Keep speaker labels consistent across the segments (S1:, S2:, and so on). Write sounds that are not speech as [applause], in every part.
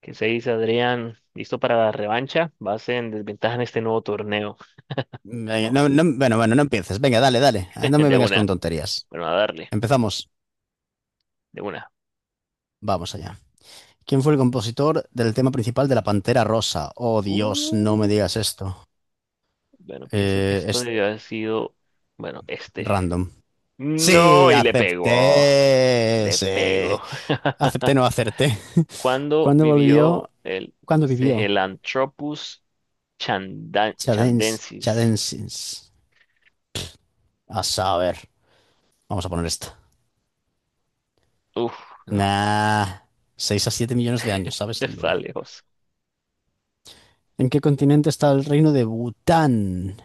S1: ¿Qué se dice, Adrián? ¿Listo para la revancha? Vas en desventaja en este nuevo torneo.
S2: Venga,
S1: [laughs]
S2: no empieces. Venga, dale. Ah, no me
S1: De
S2: vengas con
S1: una.
S2: tonterías.
S1: Bueno, a darle.
S2: Empezamos.
S1: De una.
S2: Vamos allá. ¿Quién fue el compositor del tema principal de La Pantera Rosa? Oh, Dios, no me
S1: Uh,
S2: digas esto.
S1: bueno, pienso que
S2: Eh,
S1: esto
S2: es
S1: debió haber sido. Bueno, este.
S2: random.
S1: No,
S2: Sí,
S1: y le pegó.
S2: acepté.
S1: Le
S2: Sí.
S1: pegó. [laughs]
S2: Acepté, no acerté.
S1: ¿Cuándo
S2: ¿Cuándo volvió?
S1: vivió el
S2: ¿Cuándo vivió?
S1: Cegelanthropus
S2: Chadens,
S1: chandensis?
S2: Chadensins. A saber. Vamos a poner esta.
S1: Uf, no,
S2: Nah. 6 a 7 millones de años,
S1: [laughs]
S2: ¿sabes?
S1: está
S2: LOL.
S1: lejos.
S2: ¿En qué continente está el reino de Bután?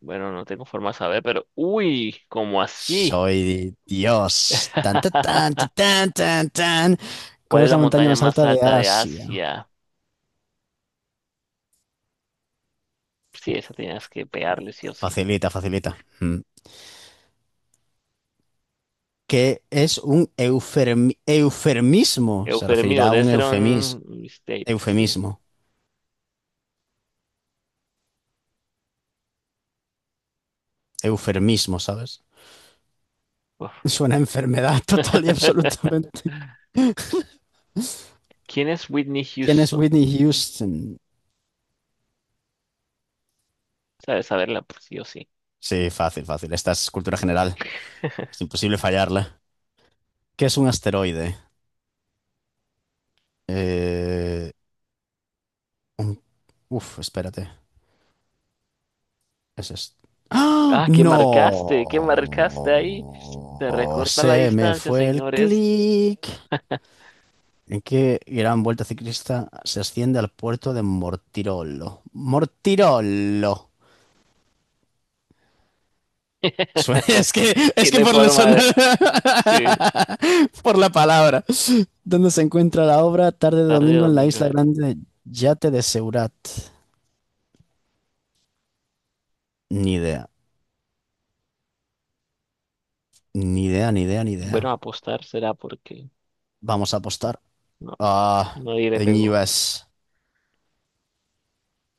S1: Bueno, no tengo forma de saber, pero. Uy, ¿cómo así?
S2: Soy Dios. Tan, tan, tan,
S1: [laughs]
S2: tan, tan, tan, tan.
S1: ¿Cuál
S2: ¿Cuál
S1: es
S2: es
S1: la
S2: la montaña
S1: montaña
S2: más
S1: más
S2: alta de
S1: alta de
S2: Asia?
S1: Asia? Sí, esa tenías que pegarle sí o sí.
S2: Facilita, facilita. Mm. ¿Qué es un eufermismo? Se referirá
S1: Eufemismo,
S2: a
S1: debe
S2: un
S1: ser un mistake, sí.
S2: eufemismo. Eufermismo, ¿sabes?
S1: Uf.
S2: Suena a enfermedad [laughs] total y
S1: [laughs]
S2: absolutamente.
S1: ¿Quién es Whitney
S2: ¿Quién es
S1: Houston?
S2: Whitney Houston?
S1: Sabes saberla, pues, sí o sí.
S2: Sí, fácil, fácil. Esta es cultura general. Es
S1: [laughs]
S2: imposible fallarla. ¿Qué es un asteroide? Eh... Uf, espérate. Eso es. ¡Ah!
S1: Ah, ¿qué marcaste? ¿Qué marcaste ahí? Se
S2: ¡No!
S1: recorta la
S2: Se me
S1: distancia,
S2: fue el
S1: señores.
S2: clic. ¿En qué gran vuelta ciclista se asciende al puerto de Mortirolo? Mortirolo.
S1: [laughs]
S2: [laughs] Es que, es
S1: Que no
S2: que
S1: hay
S2: por la
S1: forma de...
S2: [laughs]
S1: Sí,
S2: por la palabra. ¿Dónde se encuentra la obra? Tarde de
S1: tarde de
S2: domingo en la
S1: domingo.
S2: isla grande Yate de Seurat. Ni idea. Ni idea.
S1: Bueno, apostar será porque
S2: Vamos a apostar.
S1: no,
S2: Ah,
S1: nadie le
S2: en U
S1: pegó.
S2: S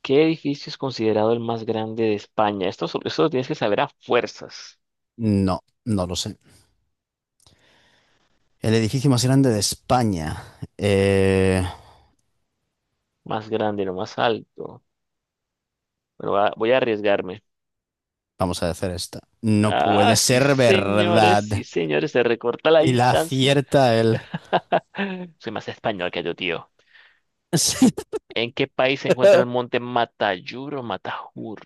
S1: ¿Qué edificio es considerado el más grande de España? Esto, esto lo tienes que saber a fuerzas.
S2: no, no lo sé. El edificio más grande de España.
S1: Más grande, lo más alto. Bueno, voy a arriesgarme.
S2: Vamos a hacer esta. No
S1: Ah,
S2: puede ser verdad.
S1: sí, señores, se recorta la
S2: Y la
S1: distancia.
S2: acierta él.
S1: [laughs] Soy más español que yo, tío.
S2: [laughs] Sí.
S1: ¿En qué país se encuentra el monte Matayur o Matajur?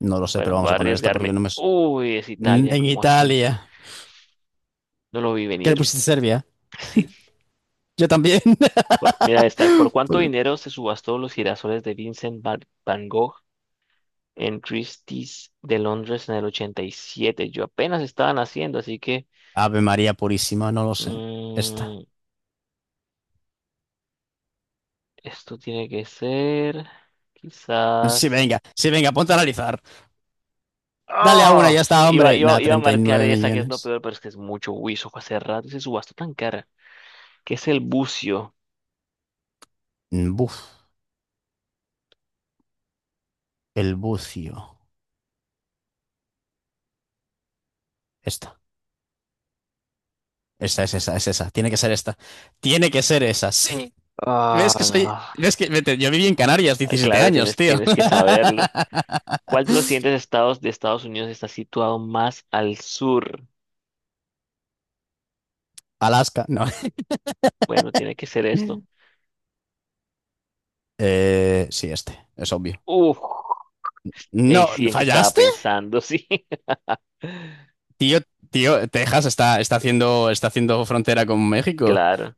S2: No lo sé,
S1: Bueno,
S2: pero
S1: voy
S2: vamos
S1: a
S2: a poner esta porque
S1: arriesgarme.
S2: no me... s-
S1: Uy, es
S2: mm,
S1: Italia,
S2: en
S1: ¿cómo así?
S2: Italia.
S1: No lo vi
S2: ¿Qué le
S1: venir.
S2: pusiste Serbia?
S1: Sí.
S2: Yo también. [laughs]
S1: Mira esta. ¿Por cuánto
S2: Por-
S1: dinero se subastó los girasoles de Van Gogh en Christie's de Londres en el 87? Yo apenas estaba naciendo, así que...
S2: Ave María Purísima, no lo sé. Esta.
S1: mm, esto tiene que ser. Quizás.
S2: Sí, venga, ponte a analizar. Dale a una,
S1: ¡Oh!
S2: ya está,
S1: Iba,
S2: hombre.
S1: iba,
S2: Nada,
S1: iba a
S2: treinta y
S1: marcar
S2: nueve
S1: esa que es lo
S2: millones.
S1: peor, pero es que es mucho Wiso. Hace rato y se subastó tan cara. ¿Qué es el bucio?
S2: Buf, el bucio. Esta. Es esa. Tiene que ser esta. Tiene que ser esa. Sí.
S1: Ah,
S2: ¿Ves que soy?
S1: no.
S2: ¿Ves que vete, yo viví en Canarias
S1: Ah,
S2: diecisiete
S1: claro,
S2: años,
S1: tienes,
S2: tío?
S1: tienes que saberlo.
S2: [laughs]
S1: ¿Cuál de los siguientes estados de Estados Unidos está situado más al sur?
S2: Alaska, no.
S1: Bueno, tiene que ser esto.
S2: Sí, este, es obvio.
S1: Uf. Ey,
S2: No,
S1: sí, ¿en qué estaba
S2: ¿fallaste?
S1: pensando? [laughs] Sí.
S2: Tío, tío, Texas está está haciendo frontera con México.
S1: Claro.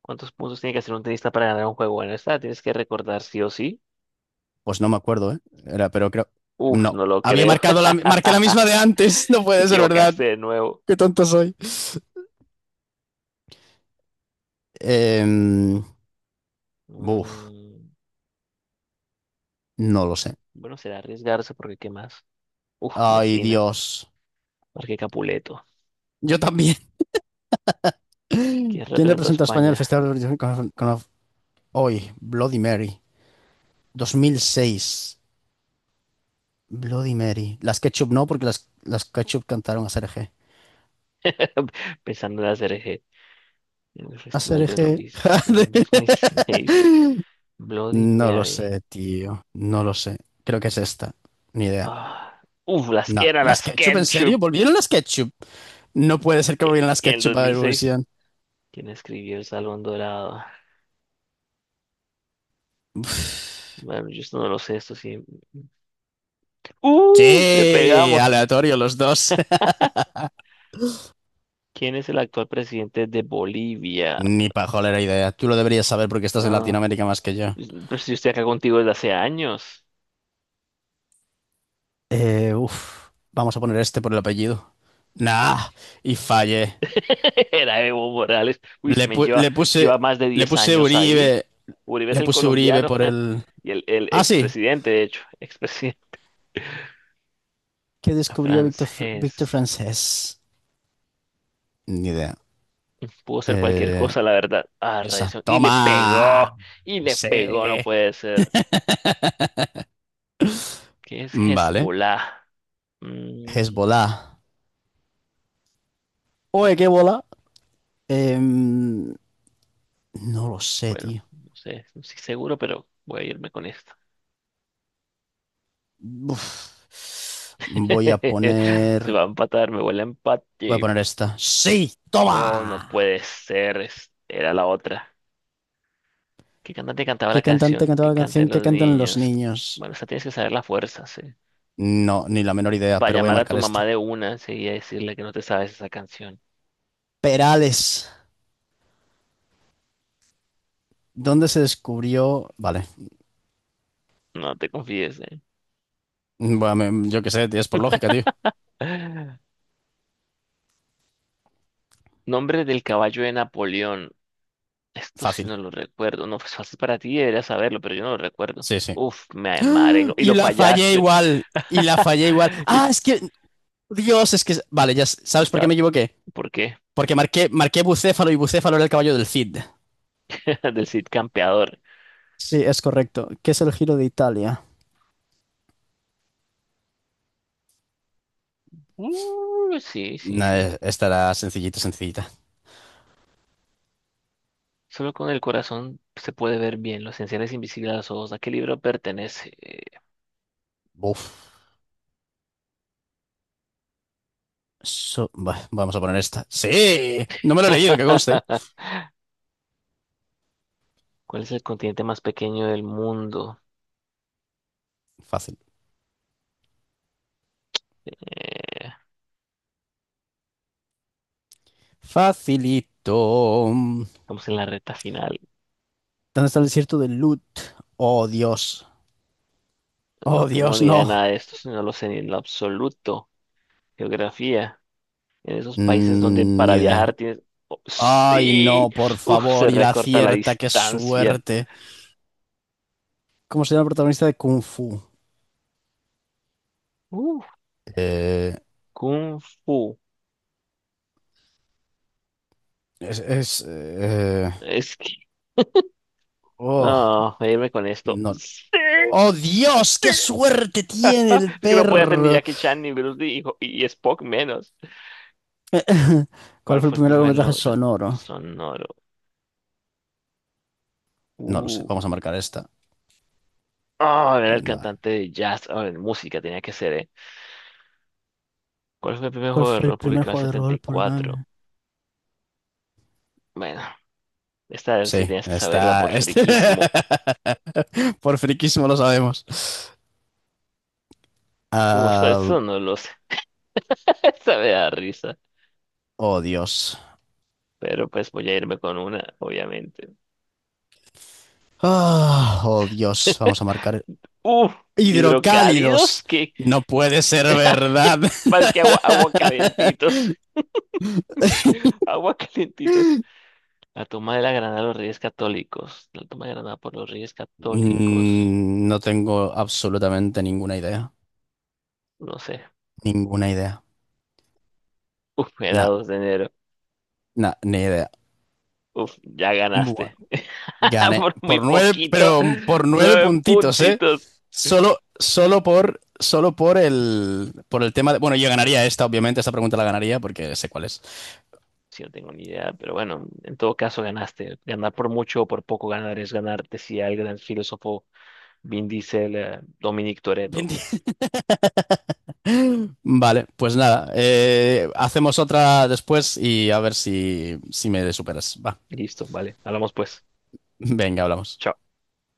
S1: ¿Cuántos puntos tiene que hacer un tenista para ganar un juego? Bueno, esta la tienes que recordar sí o sí.
S2: Pues no me acuerdo, ¿eh? Era, pero creo.
S1: Uf,
S2: No.
S1: no lo
S2: Había
S1: creo.
S2: marcado marqué la misma de antes. [laughs] No
S1: Te
S2: puede ser verdad.
S1: equivocaste de nuevo.
S2: Qué tonto soy. Em, buf,
S1: Mm,
S2: no lo sé.
S1: bueno, será arriesgarse porque ¿qué más? Uf,
S2: Ay,
S1: Messina,
S2: Dios.
S1: marque Capuleto,
S2: Yo también.
S1: quien
S2: ¿Quién
S1: representó a
S2: representa a España en el
S1: España
S2: Festival de Eurovisión hoy? Bloody Mary. 2006. Bloody Mary. Las Ketchup no, porque las Ketchup cantaron a Serge.
S1: [laughs] pensando en hacer eje en el
S2: A
S1: Festival de
S2: Serge.
S1: Eurovisión 2006.
S2: [laughs]
S1: Bloody
S2: No lo
S1: Mary.
S2: sé, tío. No lo sé. Creo que es esta. Ni idea.
S1: Ah, uf, las
S2: No.
S1: que era
S2: ¿Las
S1: las
S2: Ketchup, en
S1: Ketchup.
S2: serio? ¿Volvieron las Ketchup? No puede ser que
S1: Y,
S2: volvieran las
S1: y en el
S2: Ketchup a
S1: 2006,
S2: Eurovisión.
S1: ¿quién escribió El Salón Dorado? Bueno, yo esto no lo sé, esto sí. ¡Uh! Le
S2: Sí,
S1: pegamos.
S2: aleatorio los dos. [laughs]
S1: ¿Quién es el actual presidente de Bolivia?
S2: Ni pajolera idea. Tú lo deberías saber porque estás en
S1: Ah,
S2: Latinoamérica más que yo.
S1: pues yo estoy acá contigo desde hace años.
S2: Vamos a poner este por el apellido. Nah, y fallé.
S1: [laughs] Era Evo Morales. Uy, si
S2: Le,
S1: me
S2: pu-
S1: lleva,
S2: le puse,
S1: lleva más de
S2: le
S1: 10
S2: puse
S1: años ahí.
S2: Uribe,
S1: Uribe es
S2: le
S1: el
S2: puse Uribe
S1: colombiano
S2: por el.
S1: [laughs] y el
S2: Ah, sí.
S1: expresidente, de hecho, expresidente
S2: ¿Qué
S1: [laughs]
S2: descubrió Víctor
S1: francés.
S2: Francés? Ni idea.
S1: Pudo ser cualquier
S2: Eh,
S1: cosa, la verdad. Ah,
S2: esa.
S1: radiación.
S2: Toma.
S1: Y le
S2: Sí.
S1: pegó, no puede ser. ¿Qué es
S2: Vale.
S1: Hezbollah? Mm,
S2: Hezbollah. Oye, ¿qué bola? Em, no lo sé,
S1: bueno,
S2: tío.
S1: no sé, no estoy seguro, pero voy a irme con esto.
S2: Uf. Voy a
S1: [laughs] Se
S2: poner,
S1: va a empatar, me huele a
S2: voy a
S1: empate.
S2: poner esta. Sí,
S1: Oh, no
S2: toma.
S1: puede ser. Era la otra. ¿Qué cantante cantaba la
S2: ¿Qué cantante
S1: canción
S2: cantaba
S1: que
S2: la
S1: canten
S2: canción que
S1: los
S2: cantan los
S1: niños?
S2: niños?
S1: Bueno, esa tienes que saber la fuerza, sí.
S2: No, ni la menor idea,
S1: Para
S2: pero voy a
S1: llamar a tu
S2: marcar
S1: mamá
S2: esta.
S1: de una, sí, y decirle que no te sabes esa canción.
S2: Perales. ¿Dónde se descubrió? Vale.
S1: No te confíes, eh.
S2: Yo qué sé, tío, es por lógica, tío.
S1: [laughs] Nombre del caballo de Napoleón. Esto sí
S2: Fácil.
S1: no lo recuerdo. No, pues fácil, para ti deberías saberlo, pero yo no lo recuerdo.
S2: Sí, sí.
S1: Uf, me
S2: ¡Ah!
S1: marengo. Y
S2: Y
S1: lo
S2: la fallé
S1: fallaste.
S2: igual. Y la fallé igual.
S1: [laughs]
S2: Ah,
S1: Y
S2: es que. Dios, es que. Vale, ya sabes por qué
S1: está,
S2: me equivoqué.
S1: ¿por qué?
S2: Porque marqué Bucéfalo y Bucéfalo era el caballo del Cid.
S1: [laughs] Del Cid Campeador.
S2: Sí, es correcto. ¿Qué es el Giro de Italia?
S1: Sí, sí,
S2: No,
S1: sí.
S2: esta era sencillita, sencillita.
S1: Solo con el corazón se puede ver bien los esenciales invisibles a los ojos. ¿A qué libro pertenece?
S2: Uf. Vamos a poner esta. ¡Sí! No me lo he leído, que
S1: [laughs]
S2: conste.
S1: ¿Cuál es el continente más pequeño del mundo?
S2: Fácil.
S1: Eh,
S2: Facilito. ¿Dónde
S1: estamos en la recta final.
S2: está el desierto de Lut? Oh, Dios.
S1: No
S2: Oh,
S1: tengo
S2: Dios,
S1: ni idea de nada
S2: no.
S1: de esto, si no lo sé ni en lo absoluto. Geografía. En esos países donde
S2: Mm, ni
S1: para
S2: idea.
S1: viajar tienes... Oh,
S2: Ay,
S1: ¡sí!
S2: no, por
S1: Uf, se
S2: favor. Y la
S1: recorta la
S2: cierta, qué
S1: distancia.
S2: suerte. ¿Cómo se llama el protagonista de Kung Fu?
S1: Uf,
S2: Eh,
S1: Kung Fu.
S2: es... es, eh,
S1: Es que...
S2: oh,
S1: No, voy a irme con esto.
S2: no.
S1: ¡Sí!
S2: ¡Oh, Dios!
S1: ¡Sí!
S2: ¡Qué suerte tiene
S1: [laughs]
S2: el
S1: Es que no podía ser ni
S2: perro!
S1: Jackie Chan, ni Bruce Lee, y, y Spock menos.
S2: [laughs] ¿Cuál
S1: ¿Cuál
S2: fue el
S1: fue el
S2: primer
S1: primer
S2: largometraje
S1: logro
S2: sonoro?
S1: sonoro?
S2: No lo sé.
S1: Uh.
S2: Vamos a marcar esta.
S1: Ah, era el
S2: Vale.
S1: cantante de jazz, o en música tenía que ser, ¿eh? ¿Cuál fue el primer
S2: ¿Cuál
S1: juego de
S2: fue el
S1: rol
S2: primer
S1: publicado en el
S2: juego de
S1: setenta
S2: rol,
S1: y
S2: por lo que...
S1: cuatro
S2: me-
S1: Bueno, esta sí
S2: sí,
S1: tienes que saberla
S2: está.
S1: por
S2: Este...
S1: friquismo.
S2: [laughs] Por friquismo lo sabemos.
S1: Esto,
S2: Ah,
S1: esto no lo sé. [laughs] Esta me da risa.
S2: oh, Dios.
S1: Pero pues voy a irme con una, obviamente.
S2: Ah, oh, Dios.
S1: [laughs]
S2: Vamos a marcar.
S1: Uh, hidrocálidos,
S2: Hidrocálidos.
S1: que,
S2: No puede ser verdad.
S1: mal que agua, agua
S2: [laughs]
S1: calentitos. [laughs] Agua calentitos. La toma de la Granada de los Reyes Católicos. La toma de Granada por los Reyes Católicos.
S2: Mm, no tengo absolutamente ninguna idea.
S1: No sé. [laughs]
S2: Ninguna idea.
S1: Uf, era
S2: Nah,
S1: 2 de enero.
S2: nah, ni idea.
S1: Uf, ya ganaste.
S2: Bu-
S1: [laughs]
S2: Gané
S1: Por muy
S2: por nueve,
S1: poquito.
S2: pero por nueve
S1: Nueve
S2: puntitos, ¿eh?
S1: puntitos.
S2: Solo por el tema de... Bueno, yo ganaría esta, obviamente, esta pregunta la ganaría porque sé cuál es.
S1: Sí, no tengo ni idea, pero bueno, en todo caso ganaste. Ganar por mucho o por poco ganar es ganar, decía el gran filósofo Vin Diesel, Dominic Toretto.
S2: 20. [laughs] Vale, pues nada, hacemos otra después y a ver si me superas. Va,
S1: Listo, vale. Hablamos pues.
S2: venga, hablamos.
S1: Chao.